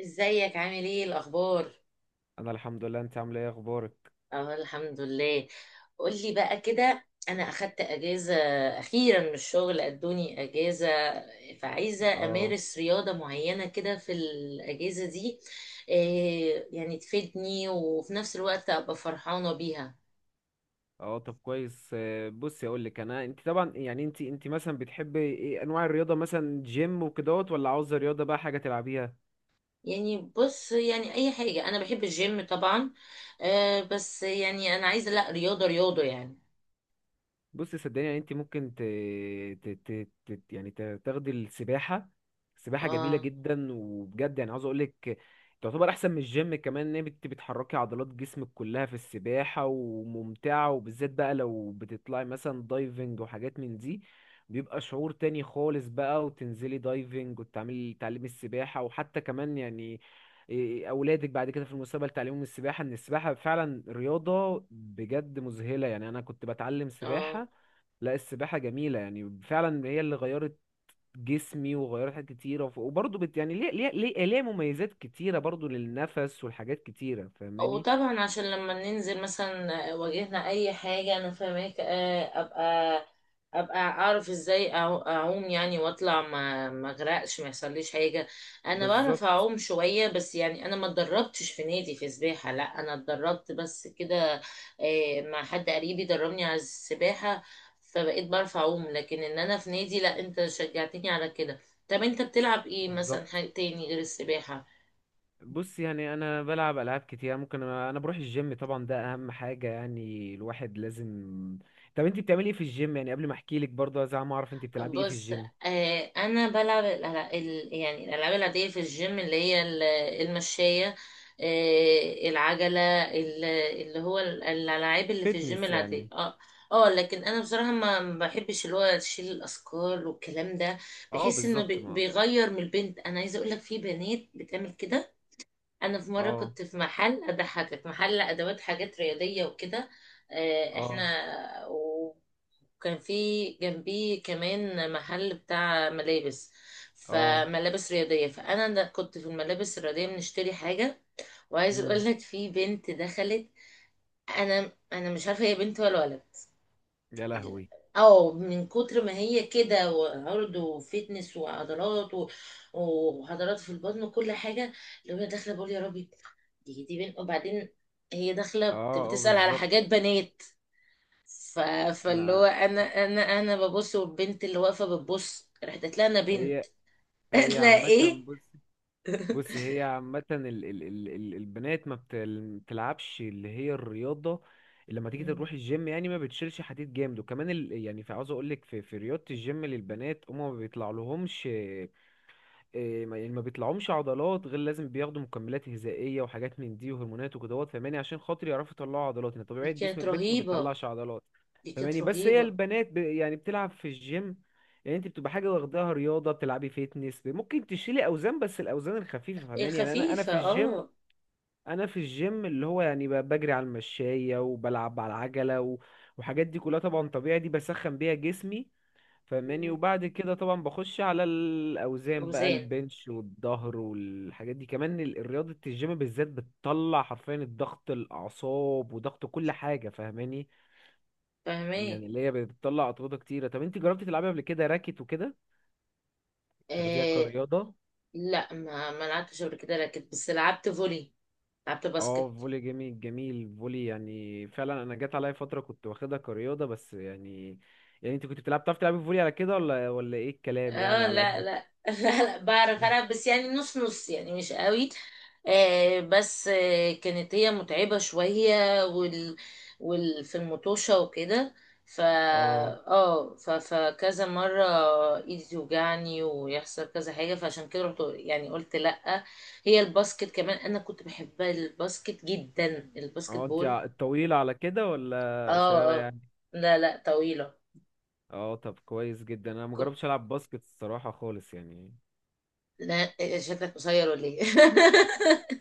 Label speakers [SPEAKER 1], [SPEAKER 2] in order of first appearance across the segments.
[SPEAKER 1] ازيك، عامل ايه الاخبار؟
[SPEAKER 2] انا الحمد لله. انت عامله ايه، اخبارك؟
[SPEAKER 1] اه، الحمد لله. قولي بقى كده، انا اخدت اجازة اخيرا من الشغل، ادوني اجازة. فعايزة
[SPEAKER 2] اه
[SPEAKER 1] امارس رياضة معينة كده في الاجازة دي. إيه يعني تفيدني وفي نفس الوقت ابقى فرحانة بيها.
[SPEAKER 2] اه، طب كويس. بصي اقول لك. انت طبعا، يعني انت مثلا بتحبي ايه انواع الرياضه؟ مثلا جيم وكدهوت، ولا عاوزه رياضه بقى حاجه تلعبيها؟
[SPEAKER 1] يعني بص، يعني اي حاجة. انا بحب الجيم طبعا. بس يعني انا عايزة، لا رياضة رياضة يعني.
[SPEAKER 2] بص صدقني، يعني انت ممكن ت... ت... تاخدي السباحه. السباحه جميله
[SPEAKER 1] اه،
[SPEAKER 2] جدا وبجد، يعني عاوز اقول لك تعتبر احسن من الجيم كمان. ان انت بتحركي عضلات جسمك كلها في السباحه وممتعه، وبالذات بقى لو بتطلعي مثلا دايفنج وحاجات من دي، بيبقى شعور تاني خالص بقى. وتنزلي دايفنج، وتعملي تعليم السباحه، وحتى كمان يعني إيه، إيه، اولادك بعد كده في المستقبل تعلمهم السباحه. ان السباحه فعلا رياضه بجد مذهله، يعني انا كنت بتعلم
[SPEAKER 1] اه،
[SPEAKER 2] سباحه. لا، السباحة جميلة، يعني فعلا هي اللي غيرت جسمي وغيرت حاجات كتيرة. وبرضه يعني ليه مميزات كتيرة برضه للنفس والحاجات كتيرة، فاهماني؟
[SPEAKER 1] وطبعا عشان لما ننزل مثلا واجهنا اي حاجة، انا فاهمك. ابقى اعرف ازاي اعوم يعني واطلع، ما اغرقش، ما يحصليش حاجة. انا بعرف
[SPEAKER 2] بالظبط
[SPEAKER 1] اعوم شوية، بس يعني انا ما اتدربتش في نادي في سباحة، لا انا اتدربت بس كده. مع حد قريبي دربني على السباحة. فبقيت بعرف اعوم، لكن ان انا في نادي لا، انت شجعتني على كده. طب انت بتلعب ايه مثلا؟
[SPEAKER 2] بالظبط.
[SPEAKER 1] حاجة تاني غير السباحة.
[SPEAKER 2] بص، يعني انا بلعب العاب كتير. ممكن انا بروح الجيم طبعا، ده اهم حاجة، يعني الواحد لازم. طب انت بتعملي ايه في الجيم؟ يعني قبل ما احكي لك برضه عايز ما اعرف انت بتلعبي ايه في
[SPEAKER 1] بص،
[SPEAKER 2] الجيم.
[SPEAKER 1] انا بلعب يعني الالعاب العاديه في الجيم، اللي هي المشايه، آه العجله، الالعاب اللي في الجيم
[SPEAKER 2] فتنس
[SPEAKER 1] العاديه،
[SPEAKER 2] يعني؟
[SPEAKER 1] اه. اه لكن انا بصراحه ما بحبش اللي هو تشيل الاثقال والكلام ده.
[SPEAKER 2] اه
[SPEAKER 1] بحس انه
[SPEAKER 2] بالظبط. ما
[SPEAKER 1] بيغير من البنت. انا عايزه اقول لك، في بنات بتعمل كده. انا في مره
[SPEAKER 2] اه
[SPEAKER 1] كنت في محل، اضحكك، محل ادوات حاجات رياضيه وكده. آه، احنا.
[SPEAKER 2] اه
[SPEAKER 1] وكان في جنبيه كمان محل بتاع ملابس،
[SPEAKER 2] اه،
[SPEAKER 1] فملابس رياضيه. فانا كنت في الملابس الرياضيه بنشتري حاجه. وعايز اقول
[SPEAKER 2] امم
[SPEAKER 1] لك، في بنت دخلت، انا مش عارفه هي بنت ولا ولد.
[SPEAKER 2] يا
[SPEAKER 1] ال-
[SPEAKER 2] لهوي.
[SPEAKER 1] اه من كتر ما هي كده، وعرض، وفتنس، وعضلات، وعضلات في البطن وكل حاجة. اللي هو أنا داخلة بقول يا ربي، دي بنت. وبعدين هي داخلة
[SPEAKER 2] اه اه،
[SPEAKER 1] بتسأل على
[SPEAKER 2] بالظبط.
[SPEAKER 1] حاجات بنات. ف... فاللي هو
[SPEAKER 2] انا
[SPEAKER 1] انا، انا ببص، والبنت اللي واقفة بتبص، رحت قالت لها انا بنت.
[SPEAKER 2] هي
[SPEAKER 1] قالت
[SPEAKER 2] هي
[SPEAKER 1] لها
[SPEAKER 2] عامة
[SPEAKER 1] ايه.
[SPEAKER 2] بص بص هي عامة البنات ما بتل- بتلعبش اللي هي الرياضة اللي لما تيجي
[SPEAKER 1] مم.
[SPEAKER 2] تروح الجيم، يعني ما بتشيلش حديد جامد. وكمان ال، يعني في، عاوز اقول لك في, في رياضة الجيم للبنات هما ما بيطلع لهمش، يعني ما بيطلعهمش عضلات غير لازم بياخدوا مكملات غذائية وحاجات من دي وهرمونات وكدهوت، فاهماني؟ عشان خاطر يعرفوا يطلعوا عضلات، يعني طبيعة
[SPEAKER 1] دي
[SPEAKER 2] جسم
[SPEAKER 1] كانت
[SPEAKER 2] البنت ما
[SPEAKER 1] رهيبة،
[SPEAKER 2] بتطلعش عضلات.
[SPEAKER 1] دي كانت
[SPEAKER 2] فاهماني؟ بس هي
[SPEAKER 1] رهيبة.
[SPEAKER 2] البنات يعني بتلعب في الجيم، يعني انت بتبقى حاجه واخداها رياضه، بتلعبي فيتنس، ممكن تشيلي اوزان بس الاوزان الخفيفه، فاهماني؟ يعني
[SPEAKER 1] الخفيفة اه.
[SPEAKER 2] انا في الجيم اللي هو، يعني بجري على المشايه وبلعب على العجله، و... وحاجات دي كلها طبعا طبيعي، دي بسخن بيها جسمي، فاهماني؟
[SPEAKER 1] مم.
[SPEAKER 2] وبعد كده طبعا بخش على الاوزان بقى،
[SPEAKER 1] وزان.
[SPEAKER 2] البنش والظهر والحاجات دي. كمان رياضه الجيم بالذات بتطلع حرفيا الضغط، الاعصاب، وضغط كل حاجه، فاهماني؟
[SPEAKER 1] فاهمك.
[SPEAKER 2] يعني اللي هي بتطلع أطرودة كتيرة. طب انت جربتي تلعبي قبل كده راكت وكده؟ تاخديها كرياضة؟
[SPEAKER 1] لا، ما لعبتش قبل كده راكت، بس لعبت فولي، لعبت
[SPEAKER 2] اه،
[SPEAKER 1] باسكت.
[SPEAKER 2] فولي جميل. فولي، يعني فعلا انا جات عليا فترة كنت واخدها كرياضة، بس يعني، يعني انت كنت بتلعب، بتعرفي تلعبي فولي على كده، ولا ايه الكلام يعني
[SPEAKER 1] اه
[SPEAKER 2] على
[SPEAKER 1] لا
[SPEAKER 2] قدك؟
[SPEAKER 1] لا، لا لا، بعرف العب، بس يعني نص نص يعني، مش قوي. آه بس آه كانت هي متعبة شوية، وال في المطوشة وكده. ف
[SPEAKER 2] اه
[SPEAKER 1] اه فكذا مرة ايدي توجعني ويحصل كذا حاجة، فعشان كده رحت يعني قلت لا. هي الباسكت كمان انا كنت بحبها، الباسكت جدا، الباسكت
[SPEAKER 2] اه. انت
[SPEAKER 1] بول.
[SPEAKER 2] ع- طويلة على كده ولا
[SPEAKER 1] اه،
[SPEAKER 2] قصيرة
[SPEAKER 1] اه،
[SPEAKER 2] يعني؟
[SPEAKER 1] لا لا، طويلة.
[SPEAKER 2] اه، طب كويس جدا. انا مجربتش العب باسكت الصراحة خالص يعني.
[SPEAKER 1] لا، شكلك قصير ولا ايه؟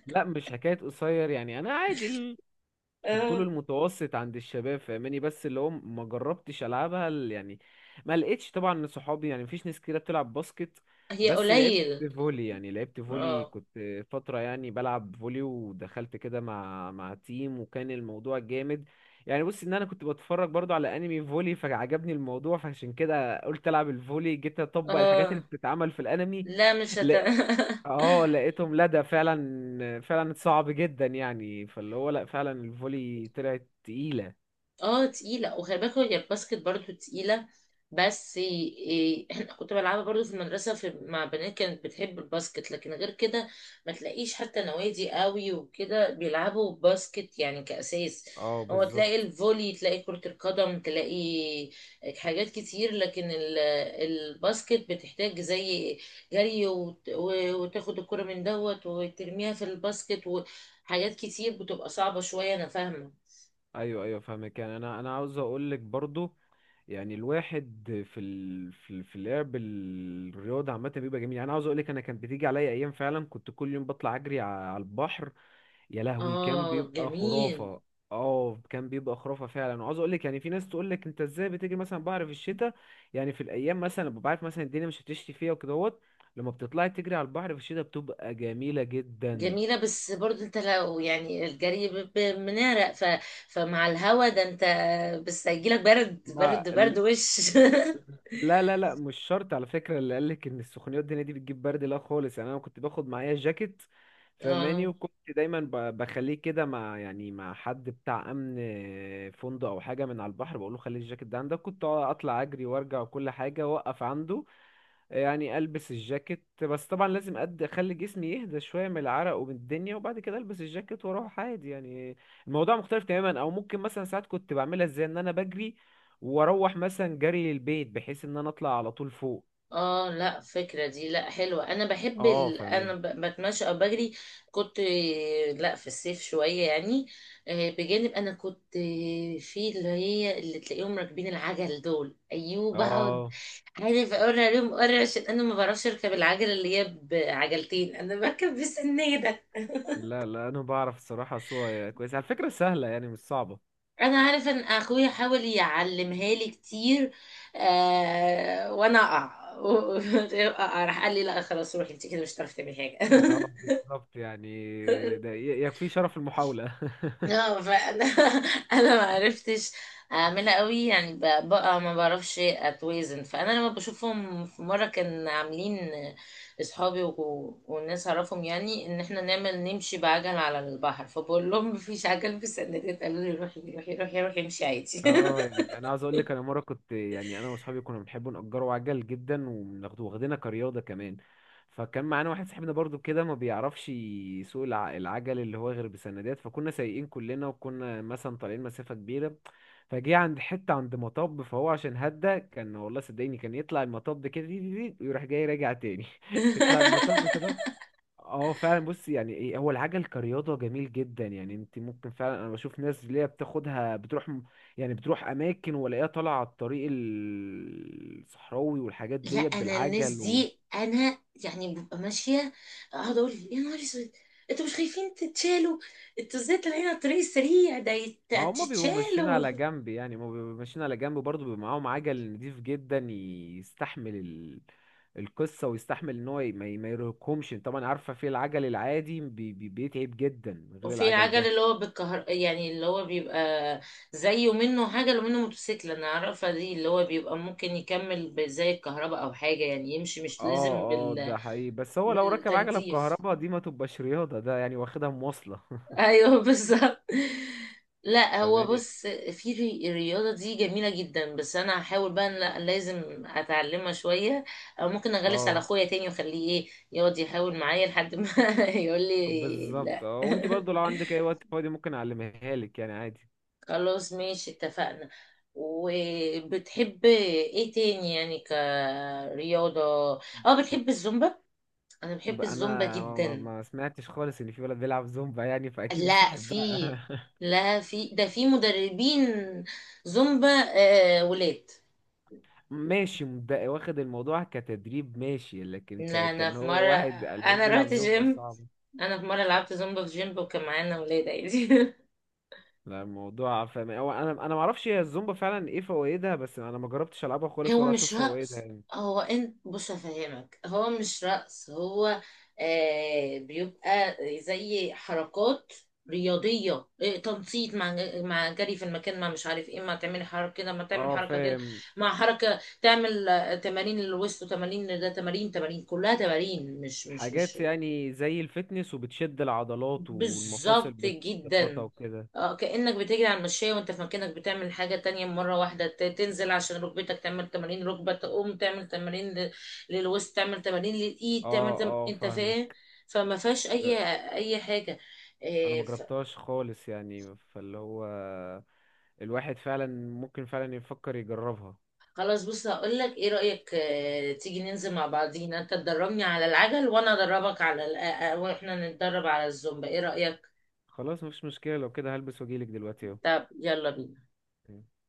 [SPEAKER 2] لا، مش حكاية قصير، يعني انا عادي. الطول
[SPEAKER 1] اه.
[SPEAKER 2] المتوسط عند الشباب، فاهماني؟ بس اللي هو ما جربتش العبها، يعني ما لقيتش طبعا صحابي، يعني مفيش ناس كتيره بتلعب باسكت.
[SPEAKER 1] هي
[SPEAKER 2] بس لعبت
[SPEAKER 1] قليل.
[SPEAKER 2] فولي، يعني لعبت فولي،
[SPEAKER 1] اه،
[SPEAKER 2] كنت فتره يعني بلعب فولي، ودخلت كده مع تيم وكان الموضوع جامد. يعني بص، ان انا كنت بتفرج برضو على انمي فولي فعجبني الموضوع، فعشان كده قلت العب الفولي، جيت اطبق الحاجات اللي
[SPEAKER 1] اه،
[SPEAKER 2] بتتعمل في الانمي.
[SPEAKER 1] لا مش هت
[SPEAKER 2] اه لقيتهم لدى، فعلا فعلا صعب جدا يعني، فاللي هو لا، فعلا الفولي طلعت تقيلة.
[SPEAKER 1] اه. تقيلة، وخلي بالك هي الباسكت برضو تقيلة. بس إيه إيه، احنا كنت بلعبها برضو في المدرسة، في مع بنات كانت بتحب الباسكت. لكن غير كده ما تلاقيش حتى نوادي قوي وكده بيلعبوا باسكت يعني كأساس.
[SPEAKER 2] اه
[SPEAKER 1] هو تلاقي
[SPEAKER 2] بالظبط.
[SPEAKER 1] الفولي، تلاقي كرة القدم، تلاقي حاجات كتير، لكن الباسكت بتحتاج زي جري وتاخد الكرة من دوت وترميها في الباسكت، وحاجات كتير بتبقى صعبة شوية. أنا فاهمة.
[SPEAKER 2] ايوه ايوه فاهمك. يعني انا عاوز اقول لك برضو، يعني الواحد في في لعب الرياضة عامة بيبقى جميل. يعني انا عاوز اقول لك، انا كان بتيجي عليا ايام فعلا كنت كل يوم بطلع اجري على البحر. يا لهوي كان
[SPEAKER 1] اه
[SPEAKER 2] بيبقى
[SPEAKER 1] جميل.
[SPEAKER 2] خرافة. اه كان بيبقى خرافة فعلا. وعاوز اقول لك، يعني في ناس تقول لك انت ازاي بتيجي مثلا بحر في الشتاء؟ يعني في الايام مثلا ببقى عارف مثلا الدنيا مش هتشتي فيها وكده اهوت. لما بتطلعي تجري على البحر في الشتاء بتبقى جميلة جدا.
[SPEAKER 1] جميلة، بس برضو انت لو يعني الجري بنعرق، فمع الهوا ده انت، بس هيجيلك برد
[SPEAKER 2] ما
[SPEAKER 1] برد برد وش.
[SPEAKER 2] لا لا لا، مش شرط على فكرة، اللي قالك ان السخونيات الدنيا دي بتجيب برد لا خالص. يعني انا كنت باخد معايا جاكيت فماني،
[SPEAKER 1] اه،
[SPEAKER 2] وكنت دايما بخليه كده مع، يعني مع حد بتاع امن فندق او حاجة من على البحر، بقول له خلي الجاكيت ده عندك، كنت اطلع اجري وارجع، وكل حاجة واقف عنده. يعني البس الجاكيت، بس طبعا لازم قد اخلي جسمي يهدى شويه من العرق ومن الدنيا، وبعد كده البس الجاكيت واروح عادي يعني. الموضوع مختلف تماما، او ممكن مثلا ساعات كنت بعملها ازاي، ان انا بجري واروح مثلا جري للبيت، بحيث ان انا اطلع على طول فوق.
[SPEAKER 1] اه، لا فكرة دي لا حلوة. انا بحب
[SPEAKER 2] اه
[SPEAKER 1] انا
[SPEAKER 2] فاهمان.
[SPEAKER 1] بتمشى او بجري كنت. لا في الصيف شوية يعني. بجانب انا كنت في اللي هي اللي تلاقيهم راكبين العجل دول، ايوه بقعد
[SPEAKER 2] اه
[SPEAKER 1] عايزة اوري عليهم، اوري، عشان انا ما بعرفش اركب العجلة اللي هي بعجلتين، انا بركب بسنادة.
[SPEAKER 2] لا لا، انا بعرف الصراحه صوره كويس على فكره، سهله يعني مش صعبه.
[SPEAKER 1] انا عارفة ان اخويا حاول يعلمها لي كتير، آه، وانا اقع اقع، راح قال لي لا خلاص روحي انت كده مش هتعرفي تعملي حاجة.
[SPEAKER 2] اه بالظبط، يعني ده يكفي شرف المحاوله.
[SPEAKER 1] لا فانا انا ما عرفتش اعملها قوي يعني، بقى ما بعرفش اتوازن. فانا لما بشوفهم في مره كان عاملين اصحابي والناس اعرفهم يعني ان احنا نعمل نمشي بعجل على البحر، فبقول لهم مفيش عجل في السندات، قالوا لي روحي روحي روحي روحي امشي عادي.
[SPEAKER 2] اه، يعني انا عايز اقول لك، انا مره كنت، يعني انا واصحابي كنا بنحب نأجروا عجل جدا وناخده، واخدينها كرياضه كمان. فكان معانا واحد صاحبنا برضو كده ما بيعرفش يسوق العجل، اللي هو غير بسندات. فكنا سايقين كلنا، وكنا مثلا طالعين مسافه كبيره. فجه عند حته، عند مطب، فهو عشان هدى كان، والله صدقيني كان يطلع المطب كده، دي- دي- دي، ويروح جاي راجع تاني. يطلع المطب كده. اه فعلا. بص، يعني ايه، هو العجل كرياضة جميل جدا. يعني انت ممكن فعلا، انا بشوف ناس اللي هي بتاخدها بتروح، يعني بتروح اماكن، والاقيها طالعة على الطريق الصحراوي، والحاجات
[SPEAKER 1] لا،
[SPEAKER 2] ديت
[SPEAKER 1] انا الناس
[SPEAKER 2] بالعجل و...
[SPEAKER 1] دي، انا يعني ببقى ماشيه، اقعد اقول يا نهار اسود، انتوا مش خايفين تتشالوا؟ انتوا ازاي طالعين على الطريق السريع ده؟
[SPEAKER 2] ما هما بيبقوا ماشيين
[SPEAKER 1] تتشالوا.
[SPEAKER 2] على جنب، يعني هما بيبقوا ماشيين على جنب برضه، بيبقى معاهم عجل نضيف جدا يستحمل ال... القصة، ويستحمل ان هو ما يرهقهمش. طبعا عارفة في العجل العادي بيتعب جدا، غير
[SPEAKER 1] وفي
[SPEAKER 2] العجل
[SPEAKER 1] عجل
[SPEAKER 2] ده.
[SPEAKER 1] اللي هو بالكهر يعني، اللي هو بيبقى زي، ومنه عجل ومنه موتوسيكل، انا عارفه دي اللي هو بيبقى ممكن يكمل، زي الكهرباء او حاجه يعني يمشي، مش لازم
[SPEAKER 2] اه اه، ده حقيقي. بس هو لو ركب عجلة
[SPEAKER 1] بالتجديف.
[SPEAKER 2] بكهرباء دي ما تبقاش رياضة، ده يعني واخدها مواصلة.
[SPEAKER 1] ايوه بالظبط. لا هو
[SPEAKER 2] فاهماني؟
[SPEAKER 1] بص، في الرياضه دي جميله جدا، بس انا هحاول بقى إن لا، لازم اتعلمها شويه. او ممكن اغلس على
[SPEAKER 2] اه
[SPEAKER 1] اخويا تاني واخليه ايه، يقعد يحاول معايا لحد ما يقول لي
[SPEAKER 2] بالظبط.
[SPEAKER 1] لا.
[SPEAKER 2] اه، وانت برضو لو عندك اي وقت فاضي ممكن اعلمها لك، يعني عادي.
[SPEAKER 1] خلاص، ماشي، اتفقنا. وبتحب ايه تاني يعني كرياضة؟ اه، بتحب الزومبا؟ انا بحب
[SPEAKER 2] انا
[SPEAKER 1] الزومبا
[SPEAKER 2] ما
[SPEAKER 1] جدا.
[SPEAKER 2] ما سمعتش خالص ان في ولد بيلعب زومبا، يعني فاكيد مش
[SPEAKER 1] لا في،
[SPEAKER 2] هحبها.
[SPEAKER 1] لا في، ده في مدربين زومبا، آه ولاد.
[SPEAKER 2] ماشي مبدئي، واخد الموضوع كتدريب ماشي، لكن
[SPEAKER 1] لا انا
[SPEAKER 2] كان
[SPEAKER 1] في مرة،
[SPEAKER 2] هو واحد قال لك
[SPEAKER 1] انا
[SPEAKER 2] بيلعب
[SPEAKER 1] رحت
[SPEAKER 2] زومبا
[SPEAKER 1] جيم،
[SPEAKER 2] صعب.
[SPEAKER 1] انا في مرة لعبت زومبا في جيم وكان معانا ولاد عادي.
[SPEAKER 2] لا، الموضوع فاهم. هو انا ما اعرفش هي الزومبا فعلا ايه فوائدها، بس انا ما جربتش العبها خالص
[SPEAKER 1] هو
[SPEAKER 2] ولا اشوف
[SPEAKER 1] مش
[SPEAKER 2] فوائدها
[SPEAKER 1] رقص.
[SPEAKER 2] يعني.
[SPEAKER 1] هو انت بص افهمك، هو مش رقص، هو بيبقى زي حركات رياضية، تنشيط، مع مع جري في المكان، ما مش عارف ايه، ما تعملي حركة كده، ما تعمل
[SPEAKER 2] اه
[SPEAKER 1] حركة كده،
[SPEAKER 2] فاهم.
[SPEAKER 1] مع حركة تعمل تمارين للوسط، وتمارين ده، تمارين، تمارين، كلها تمارين، مش.
[SPEAKER 2] حاجات يعني زي الفتنس، وبتشد العضلات والمفاصل
[SPEAKER 1] بالظبط
[SPEAKER 2] بتظبطها
[SPEAKER 1] جدا.
[SPEAKER 2] وكده.
[SPEAKER 1] اه كأنك بتجري على المشاية، وانت في مكانك بتعمل حاجة تانية، مرة واحدة تنزل عشان ركبتك تعمل تمارين ركبة، تقوم تعمل تمارين للوسط، تعمل تمارين للإيد، تعمل
[SPEAKER 2] اه اه
[SPEAKER 1] انت فاهم.
[SPEAKER 2] فاهمك.
[SPEAKER 1] فما فيهاش
[SPEAKER 2] لا،
[SPEAKER 1] أي حاجة.
[SPEAKER 2] انا ما
[SPEAKER 1] إيه ف...
[SPEAKER 2] جربتهاش خالص يعني، فاللي هو الواحد فعلا ممكن فعلا يفكر يجربها.
[SPEAKER 1] خلاص، بص هقول لك ايه رأيك، تيجي ننزل مع بعضينا، انت تدربني على العجل، وانا ادربك على ال... آه، آه، واحنا نتدرب على الزومبا، ايه رأيك؟
[SPEAKER 2] خلاص مفيش مشكلة، لو كده هلبس واجيلك دلوقتي.
[SPEAKER 1] طب يلا بينا.
[SPEAKER 2] اهو.